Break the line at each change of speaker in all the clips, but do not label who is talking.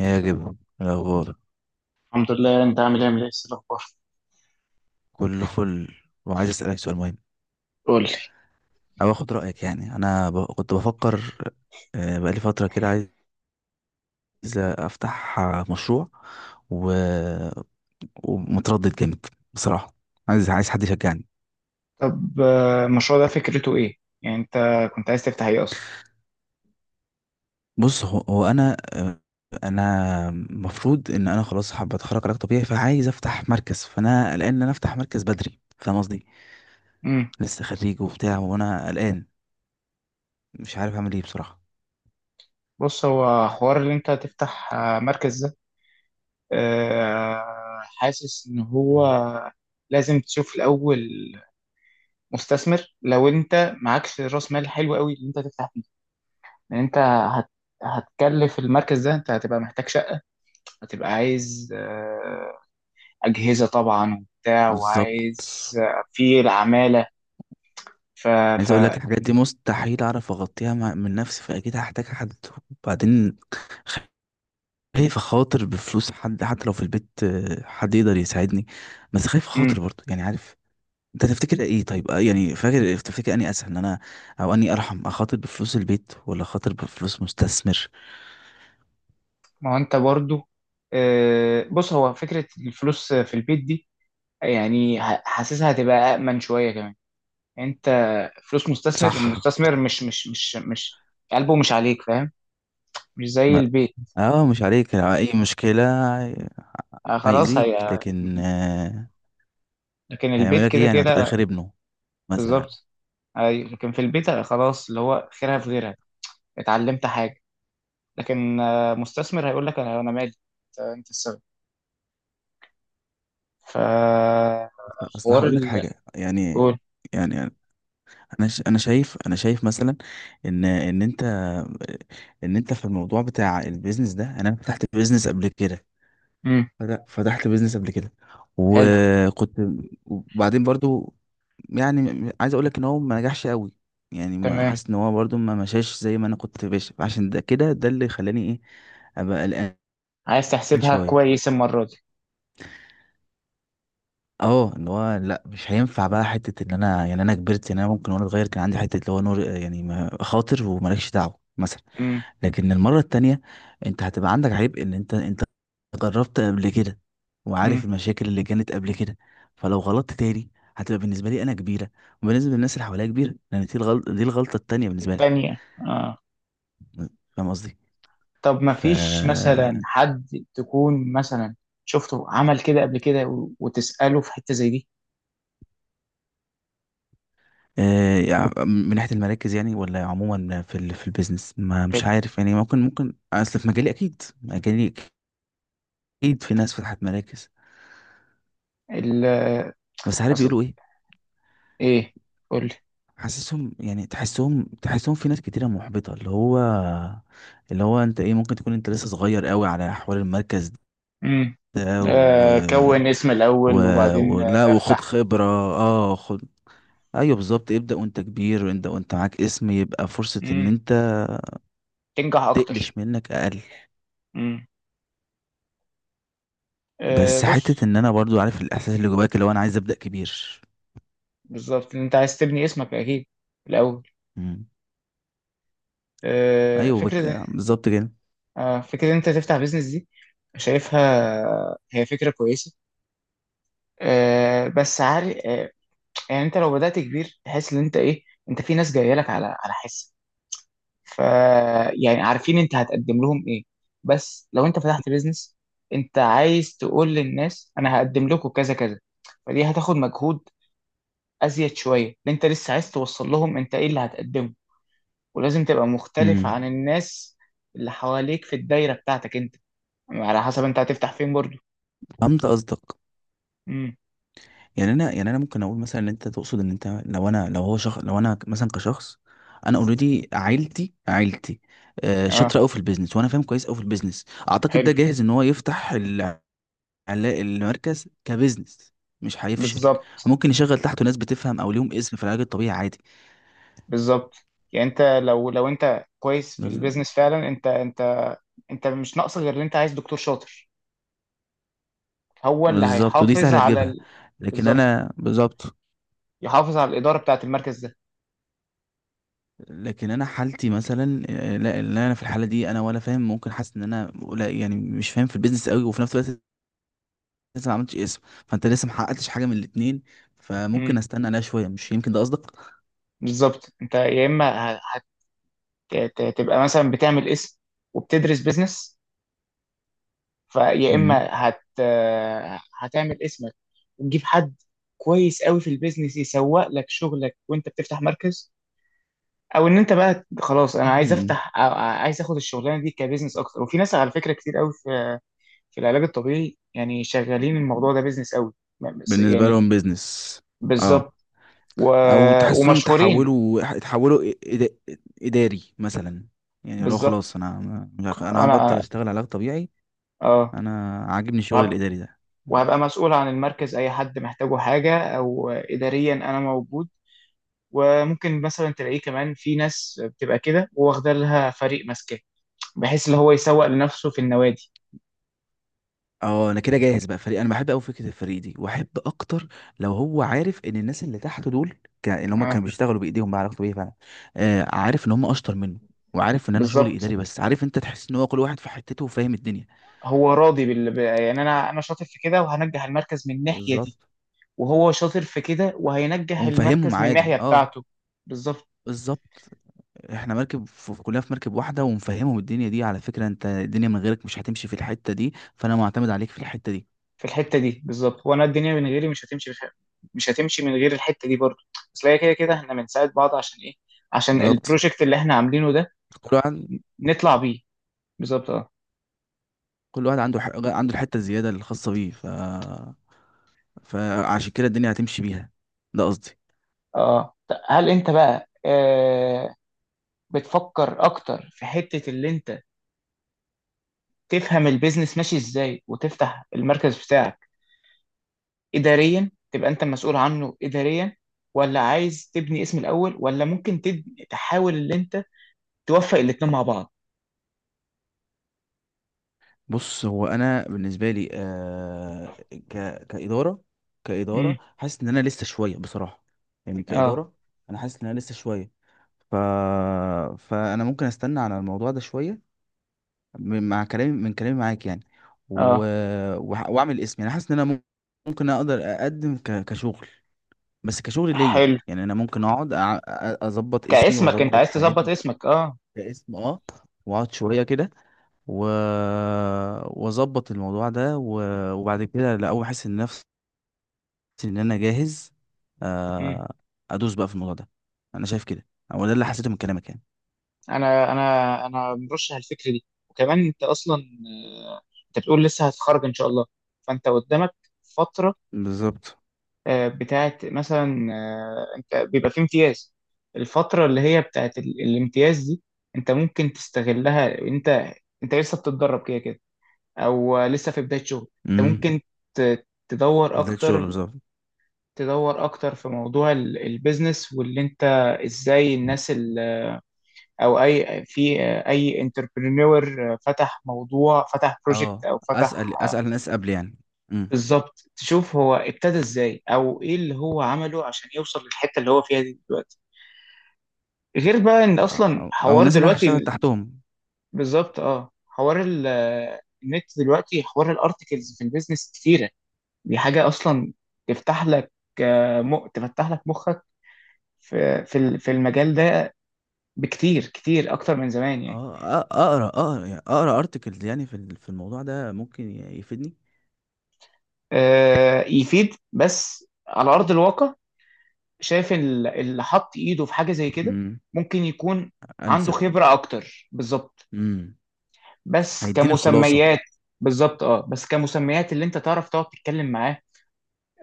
يا جب الأخبار.
الحمد لله. انت عامل ايه، الاخبار؟
كله فل. وعايز أسألك سؤال مهم
قول لي.
أو آخد رأيك. يعني أنا كنت بفكر. بقالي فترة كده عايز أفتح مشروع و... ومتردد جامد بصراحة. عايز حد يشجعني.
طب المشروع ده فكرته ايه؟ يعني انت كنت عايز تفتح ايه اصلا؟
بص هو أنا، أنا المفروض إن أنا خلاص حابة أتخرج علاج طبيعي، فعايز أفتح مركز. فأنا قلقان إن أنا أفتح مركز بدري، فاهم قصدي.
امم.
لسه خريج وبتاع وأنا قلقان، مش عارف أعمل إيه بصراحة.
بص، هو حوار اللي انت تفتح مركز ده، حاسس ان هو
مم.
لازم تشوف الاول مستثمر. لو انت معكش راس مال حلو قوي اللي انت تفتح فيه، لان انت هتكلف المركز ده، انت هتبقى محتاج شقة، هتبقى عايز اجهزة طبعا وبتاع،
بالظبط.
وعايز في العمالة. ف
عايز
ف
اقول لك الحاجات دي مستحيل اعرف اغطيها من نفسي، فاكيد هحتاج حد. وبعدين خايف اخاطر بفلوس حد، حتى لو في البيت حد يقدر يساعدني، بس خايف اخاطر برضه يعني، عارف، انت تفتكر ايه؟ طيب يعني فاكر تفتكر اني اسهل ان انا، او اني ارحم اخاطر بفلوس البيت ولا اخاطر بفلوس مستثمر؟
ما هو انت برضو، بص، هو فكرة الفلوس في البيت دي يعني حاسسها هتبقى أأمن شوية كمان. انت فلوس مستثمر،
صح.
المستثمر مش قلبه مش عليك، فاهم؟ مش زي
ما
البيت.
اه، مش عليك لو اي مشكلة
خلاص،
هيأذيك،
هي
لكن
لكن البيت
هيعمل لك ايه
كده
يعني، ما انت في
كده.
الاخر ابنه مثلا.
بالظبط. أي، لكن في البيت خلاص، اللي هو خيرها في غيرها، اتعلمت حاجة. لكن مستثمر هيقول لك أنا مالي، أنت السبب.
اصل
فحوار
هقول لك حاجة يعني.
قول.
يعني انا انا شايف مثلا ان ان انت في الموضوع بتاع البيزنس ده، انا فتحت بيزنس قبل كده.
مم.
فتحت بيزنس قبل كده
حلو.
وكنت. وبعدين برضو يعني عايز اقول لك ان هو ما نجحش قوي، يعني ما
تمام.
حاسس ان هو برضو ما مشاش زي ما انا كنت باش، عشان ده كده ده اللي خلاني ايه، ابقى قلقان
عايز تحسبها
شويه.
كويس المرة دي.
اه، اللي هو لا مش هينفع بقى، حته ان انا يعني انا كبرت، يعني انا ممكن وانا صغير كان عندي حته اللي هو نور، يعني خاطر ومالكش دعوه مثلا.
امم.
لكن المرة التانية انت هتبقى عندك عيب، ان انت جربت قبل كده وعارف
امم.
المشاكل اللي كانت قبل كده. فلو غلطت تاني هتبقى بالنسبة لي انا كبيرة، وبالنسبة للناس اللي حواليا كبيرة، لان دي الغلطة التانية بالنسبة لك.
التانية، اه.
فاهم قصدي؟
طب ما
ف
فيش مثلا حد تكون مثلا شفته عمل كده قبل كده وتسأله في حتة زي دي؟
يعني من ناحية المراكز يعني، ولا عموما في في البيزنس. ما مش
كده،
عارف يعني، ممكن اصل في مجالي، اكيد في ناس فتحت مراكز.
ال
بس عارف
اصل،
بيقولوا ايه.
ايه، قول لي.
حاسسهم يعني، تحسهم في ناس كتيرة محبطة، اللي هو انت ايه، ممكن تكون انت لسه صغير قوي على احوال المركز
امم.
ده
آه، كون اسم
و...
الأول وبعدين
ولا وخد
بفتح.
خبرة. اه خد. ايوه بالظبط، ابدأ وانت كبير، انت وانت معاك اسم يبقى فرصة ان
امم،
انت
تنجح أكتر.
تقلش منك اقل.
امم. آه
بس حتة
بص،
ان انا برضو عارف الاحساس اللي جواك، اللي هو انا عايز ابدأ كبير.
بالظبط انت عايز تبني اسمك أكيد الأول.
مم.
آه،
ايوه
فكرة،
بالظبط كده.
فكرة إن أنت تفتح بيزنس دي، شايفها هي فكرة كويسة. بس عارف، يعني أنت لو بدأت كبير تحس إن أنت إيه، أنت في ناس جاية لك على حس، ف يعني عارفين أنت هتقدم لهم إيه. بس لو أنت فتحت بيزنس أنت عايز تقول للناس أنا هقدم لكم كذا كذا، فدي هتاخد مجهود أزيد شوية، لأن أنت لسه عايز توصل لهم أنت إيه اللي هتقدمه، ولازم تبقى مختلف
مم.
عن الناس اللي حواليك في الدايرة بتاعتك أنت، على حسب أنت هتفتح فين برضه.
فهمت قصدك.
امم،
يعني انا ممكن اقول مثلا ان انت تقصد ان انت لو انا، لو هو شخص، لو انا مثلا كشخص. انا اوريدي عيلتي عيلتي
اه،
شاطره قوي في البيزنس وانا فاهم كويس قوي في البيزنس، اعتقد
حلو،
ده جاهز ان هو يفتح المركز كبيزنس مش هيفشل.
بالظبط.
ممكن يشغل تحته ناس بتفهم او ليهم اسم في العلاج الطبيعي عادي.
بالظبط، يعني انت لو انت كويس في
بز-
البيزنس فعلا، انت انت مش ناقص غير ان انت عايز دكتور شاطر، هو اللي
بالظبط ودي
هيحافظ
سهله
على
تجيبها. لكن
بالظبط،
انا بالظبط.
يحافظ على الاداره بتاعه المركز ده.
لكن انا حالتي مثلا لا لا، انا في الحاله دي انا ولا فاهم، ممكن حاسس ان انا يعني مش فاهم في البيزنس قوي، وفي نفس الوقت لسه ما عملتش اسم. فانت لسه ما حققتش حاجه من الاتنين،
امم.
فممكن استنى عليها شويه، مش يمكن ده قصدك.
بالظبط، انت يا اما هتبقى مثلا بتعمل اسم وبتدرس بيزنس، فيا اما
مم.
هتعمل اسمك وتجيب حد كويس قوي في البيزنس يسوق لك شغلك وانت بتفتح مركز، او ان انت بقى خلاص انا عايز
مم.
افتح أو عايز اخد الشغلانه دي كبزنس اكتر. وفي ناس على فكره كتير قوي في في العلاج الطبيعي يعني شغالين الموضوع ده بزنس قوي،
بالنسبه
يعني
لهم بيزنس.
بالظبط.
اه.
و...
او تحس انهم
ومشهورين،
اتحولوا اداري مثلا، يعني لو خلاص
بالظبط.
انا مش عارف- انا هبطل
انا،
اشتغل علاج طبيعي،
اه،
انا عاجبني الشغل
وهبقى,
الاداري ده.
وهبقى مسؤول عن المركز، اي حد محتاجه حاجه او اداريا انا موجود. وممكن مثلا تلاقيه كمان، في ناس بتبقى كده واخده لها فريق ماسكاه، بحيث اللي هو يسوق لنفسه في النوادي.
اه انا كده جاهز بقى فريق، انا بحب قوي فكره الفريق دي، واحب اكتر لو هو عارف ان الناس اللي تحته دول اللي هم
اه،
كانوا بيشتغلوا بايديهم بقى، علاقته بيه فعلا. آه، عارف ان هم اشطر منه، وعارف ان انا شغلي
بالظبط.
اداري، بس عارف انت تحس ان هو كل واحد في حتته وفاهم الدنيا.
هو راضي يعني انا شاطر في كده وهنجح المركز من الناحيه دي،
بالظبط
وهو شاطر في كده وهينجح
ومفهمهم
المركز من
عادي.
الناحيه
اه
بتاعته. بالظبط
بالظبط. احنا مركب كلنا في مركب واحده، ومفهمهم الدنيا دي، على فكره انت الدنيا من غيرك مش هتمشي في الحته دي، فانا معتمد عليك في الحته دي.
في الحته دي. بالظبط، وانا الدنيا من غيري مش هتمشي مش هتمشي من غير الحته دي برضه، بس هي كده كده احنا بنساعد بعض عشان ايه، عشان
بالظبط.
البروجكت اللي احنا عاملينه ده
كل واحد
نطلع بيه. بالظبط، اه.
كل واحد عنده عنده الحته الزياده الخاصه بيه، فعشان كده الدنيا هتمشي بيها، ده قصدي.
اه هل انت بقى آه، بتفكر اكتر في حته اللي انت تفهم البيزنس ماشي ازاي وتفتح المركز بتاعك، إداريا تبقى أنت مسؤول عنه إداريا؟ ولا عايز تبني اسم الأول؟ ولا ممكن تبني تحاول إن أنت توفق الاتنين مع بعض؟
بص هو انا بالنسبه لي، آه ك كاداره كاداره
امم،
حاسس ان انا لسه شويه بصراحه. يعني
اه،
كاداره انا حاسس ان انا لسه شويه. ف فانا ممكن استنى على الموضوع ده شويه، مع كلامي من كلامي معاك يعني. و...
اه،
واعمل اسم، يعني حاسس ان انا ممكن اقدر اقدم كشغل، بس كشغل ليا،
حلو.
يعني انا ممكن اقعد اظبط اسمي
كاسمك، أنت
واظبط
عايز تظبط
حياتي.
اسمك، اه.
كاسم اه. واقعد شويه كده، و واظبط الموضوع ده وبعد كده لأول ما احس ان نفسي ان انا جاهز،
امم.
آه، ادوس بقى في الموضوع ده. انا شايف كده، هو ده اللي حسيته من كلامك يعني.
أنا مرشح الفكرة دي. وكمان أنت أصلا، آه، أنت بتقول لسه هتخرج إن شاء الله، فأنت قدامك فترة،
بالظبط.
بتاعت مثلا انت بيبقى في امتياز. الفترة اللي هي بتاعت الامتياز دي انت ممكن تستغلها. انت انت لسه بتتدرب كده كده، او لسه في بداية شغل، انت
امم.
ممكن تدور
بداية شغل
اكتر،
بالظبط.
تدور اكتر في موضوع البيزنس، واللي انت ازاي الناس او اي في آه، اي انتربرينور فتح موضوع، فتح بروجكت
اه.
او فتح،
اسال الناس قبل يعني. امم.
بالظبط، تشوف هو ابتدى ازاي او ايه اللي هو عمله عشان يوصل للحته اللي هو فيها دي دلوقتي. غير بقى ان اصلا
أو
حوار
الناس اللي انا
دلوقتي
هشتغل تحتهم.
بالظبط، اه، حوار النت دلوقتي، حوار الارتكلز في البيزنس كتيره، دي حاجه اصلا تفتح لك، تفتح لك مخك في في المجال ده بكتير، كتير اكتر من زمان يعني.
اه، اقرا يعني، اقرا ارتكلز يعني في في الموضوع ده ممكن يفيدني.
يفيد، بس على ارض الواقع شايف اللي حط ايده في حاجه زي كده
امم.
ممكن يكون عنده
انسب.
خبره اكتر، بالظبط.
امم.
بس
هيديني الخلاصه.
كمسميات، بالظبط، اه، بس كمسميات اللي انت تعرف تقعد تتكلم معاه،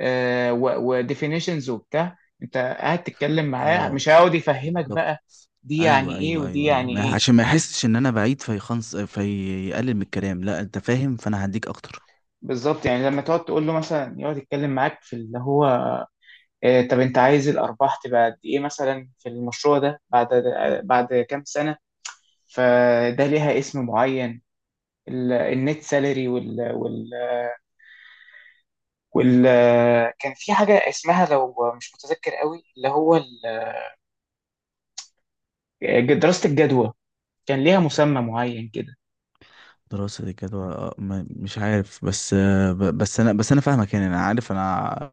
آه، وديفينيشنز وبتاع. انت قاعد تتكلم معاه
اه
مش هيقعد يفهمك
بالظبط.
بقى دي يعني
ايوه
ايه
ايوه
ودي
ايوه أيوة.
يعني
ما
ايه.
عشان ما يحسش ان انا بعيد فيخنص، فيقلل من الكلام، لا انت فاهم، فانا هديك اكتر.
بالظبط، يعني لما تقعد تقول له مثلا، يقعد يتكلم معاك في اللي هو آه، طب انت عايز الارباح تبقى قد ايه مثلا في المشروع ده بعد بعد كام سنه، فده ليها اسم معين. النت سالري، وال وال وال كان في حاجة اسمها لو مش متذكر قوي اللي هو دراسة الجدوى، كان ليها مسمى معين كده.
دراسة جدوى مش عارف، بس بس انا فاهمك، يعني انا عارف انا.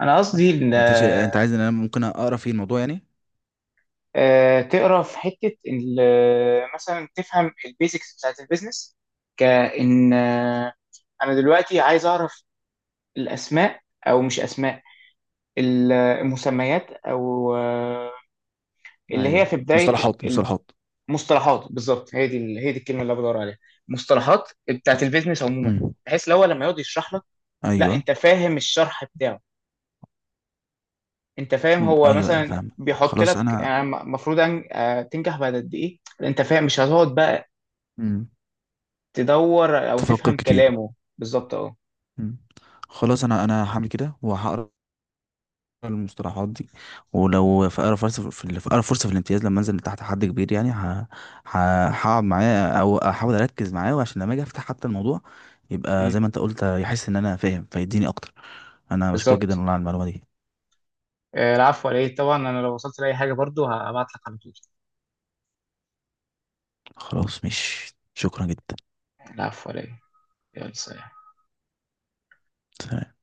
أنا قصدي إن
انت انت عايز ان انا ممكن اقرا في الموضوع يعني.
تقرا في حتة، إن مثلا تفهم البيزكس بتاعت البيزنس، كإن أنا دلوقتي عايز أعرف الأسماء، أو مش أسماء، المسميات، أو اللي هي
ايوه
في بداية،
مصطلحات مصطلحات.
مصطلحات. بالظبط، هي دي الكلمه اللي أنا بدور عليها، مصطلحات بتاعت البيزنس عموما،
امم.
بحيث لو هو لما يقعد يشرح لك، لا
ايوه.
انت فاهم الشرح بتاعه، انت فاهم
أمم،
هو
ايوه أيوة،
مثلا
فاهم.
بيحط
خلاص
لك
انا.
المفروض ان تنجح بعد قد ايه، انت فاهم، مش هتقعد بقى
امم
تدور او
تفكر
تفهم
كتير.
كلامه بالظبط، اه.
امم. خلاص انا هعمل كده وهقرا المصطلحات دي. ولو في اقرب فرصه في الامتياز، لما انزل تحت حد كبير يعني هقعد معاه او احاول اركز معاه، وعشان لما اجي افتح حتى الموضوع يبقى
أمم،
زي ما انت قلت يحس ان انا فاهم، فيديني اكتر. انا بشكرك جدا
بالظبط.
والله على المعلومه دي.
العفو عليه طبعا، انا لو وصلت لاي حاجه برضو هبعت لك على طول.
خلاص مش شكرا جدا.
العفو عليه. يلا، سلام.
سلام.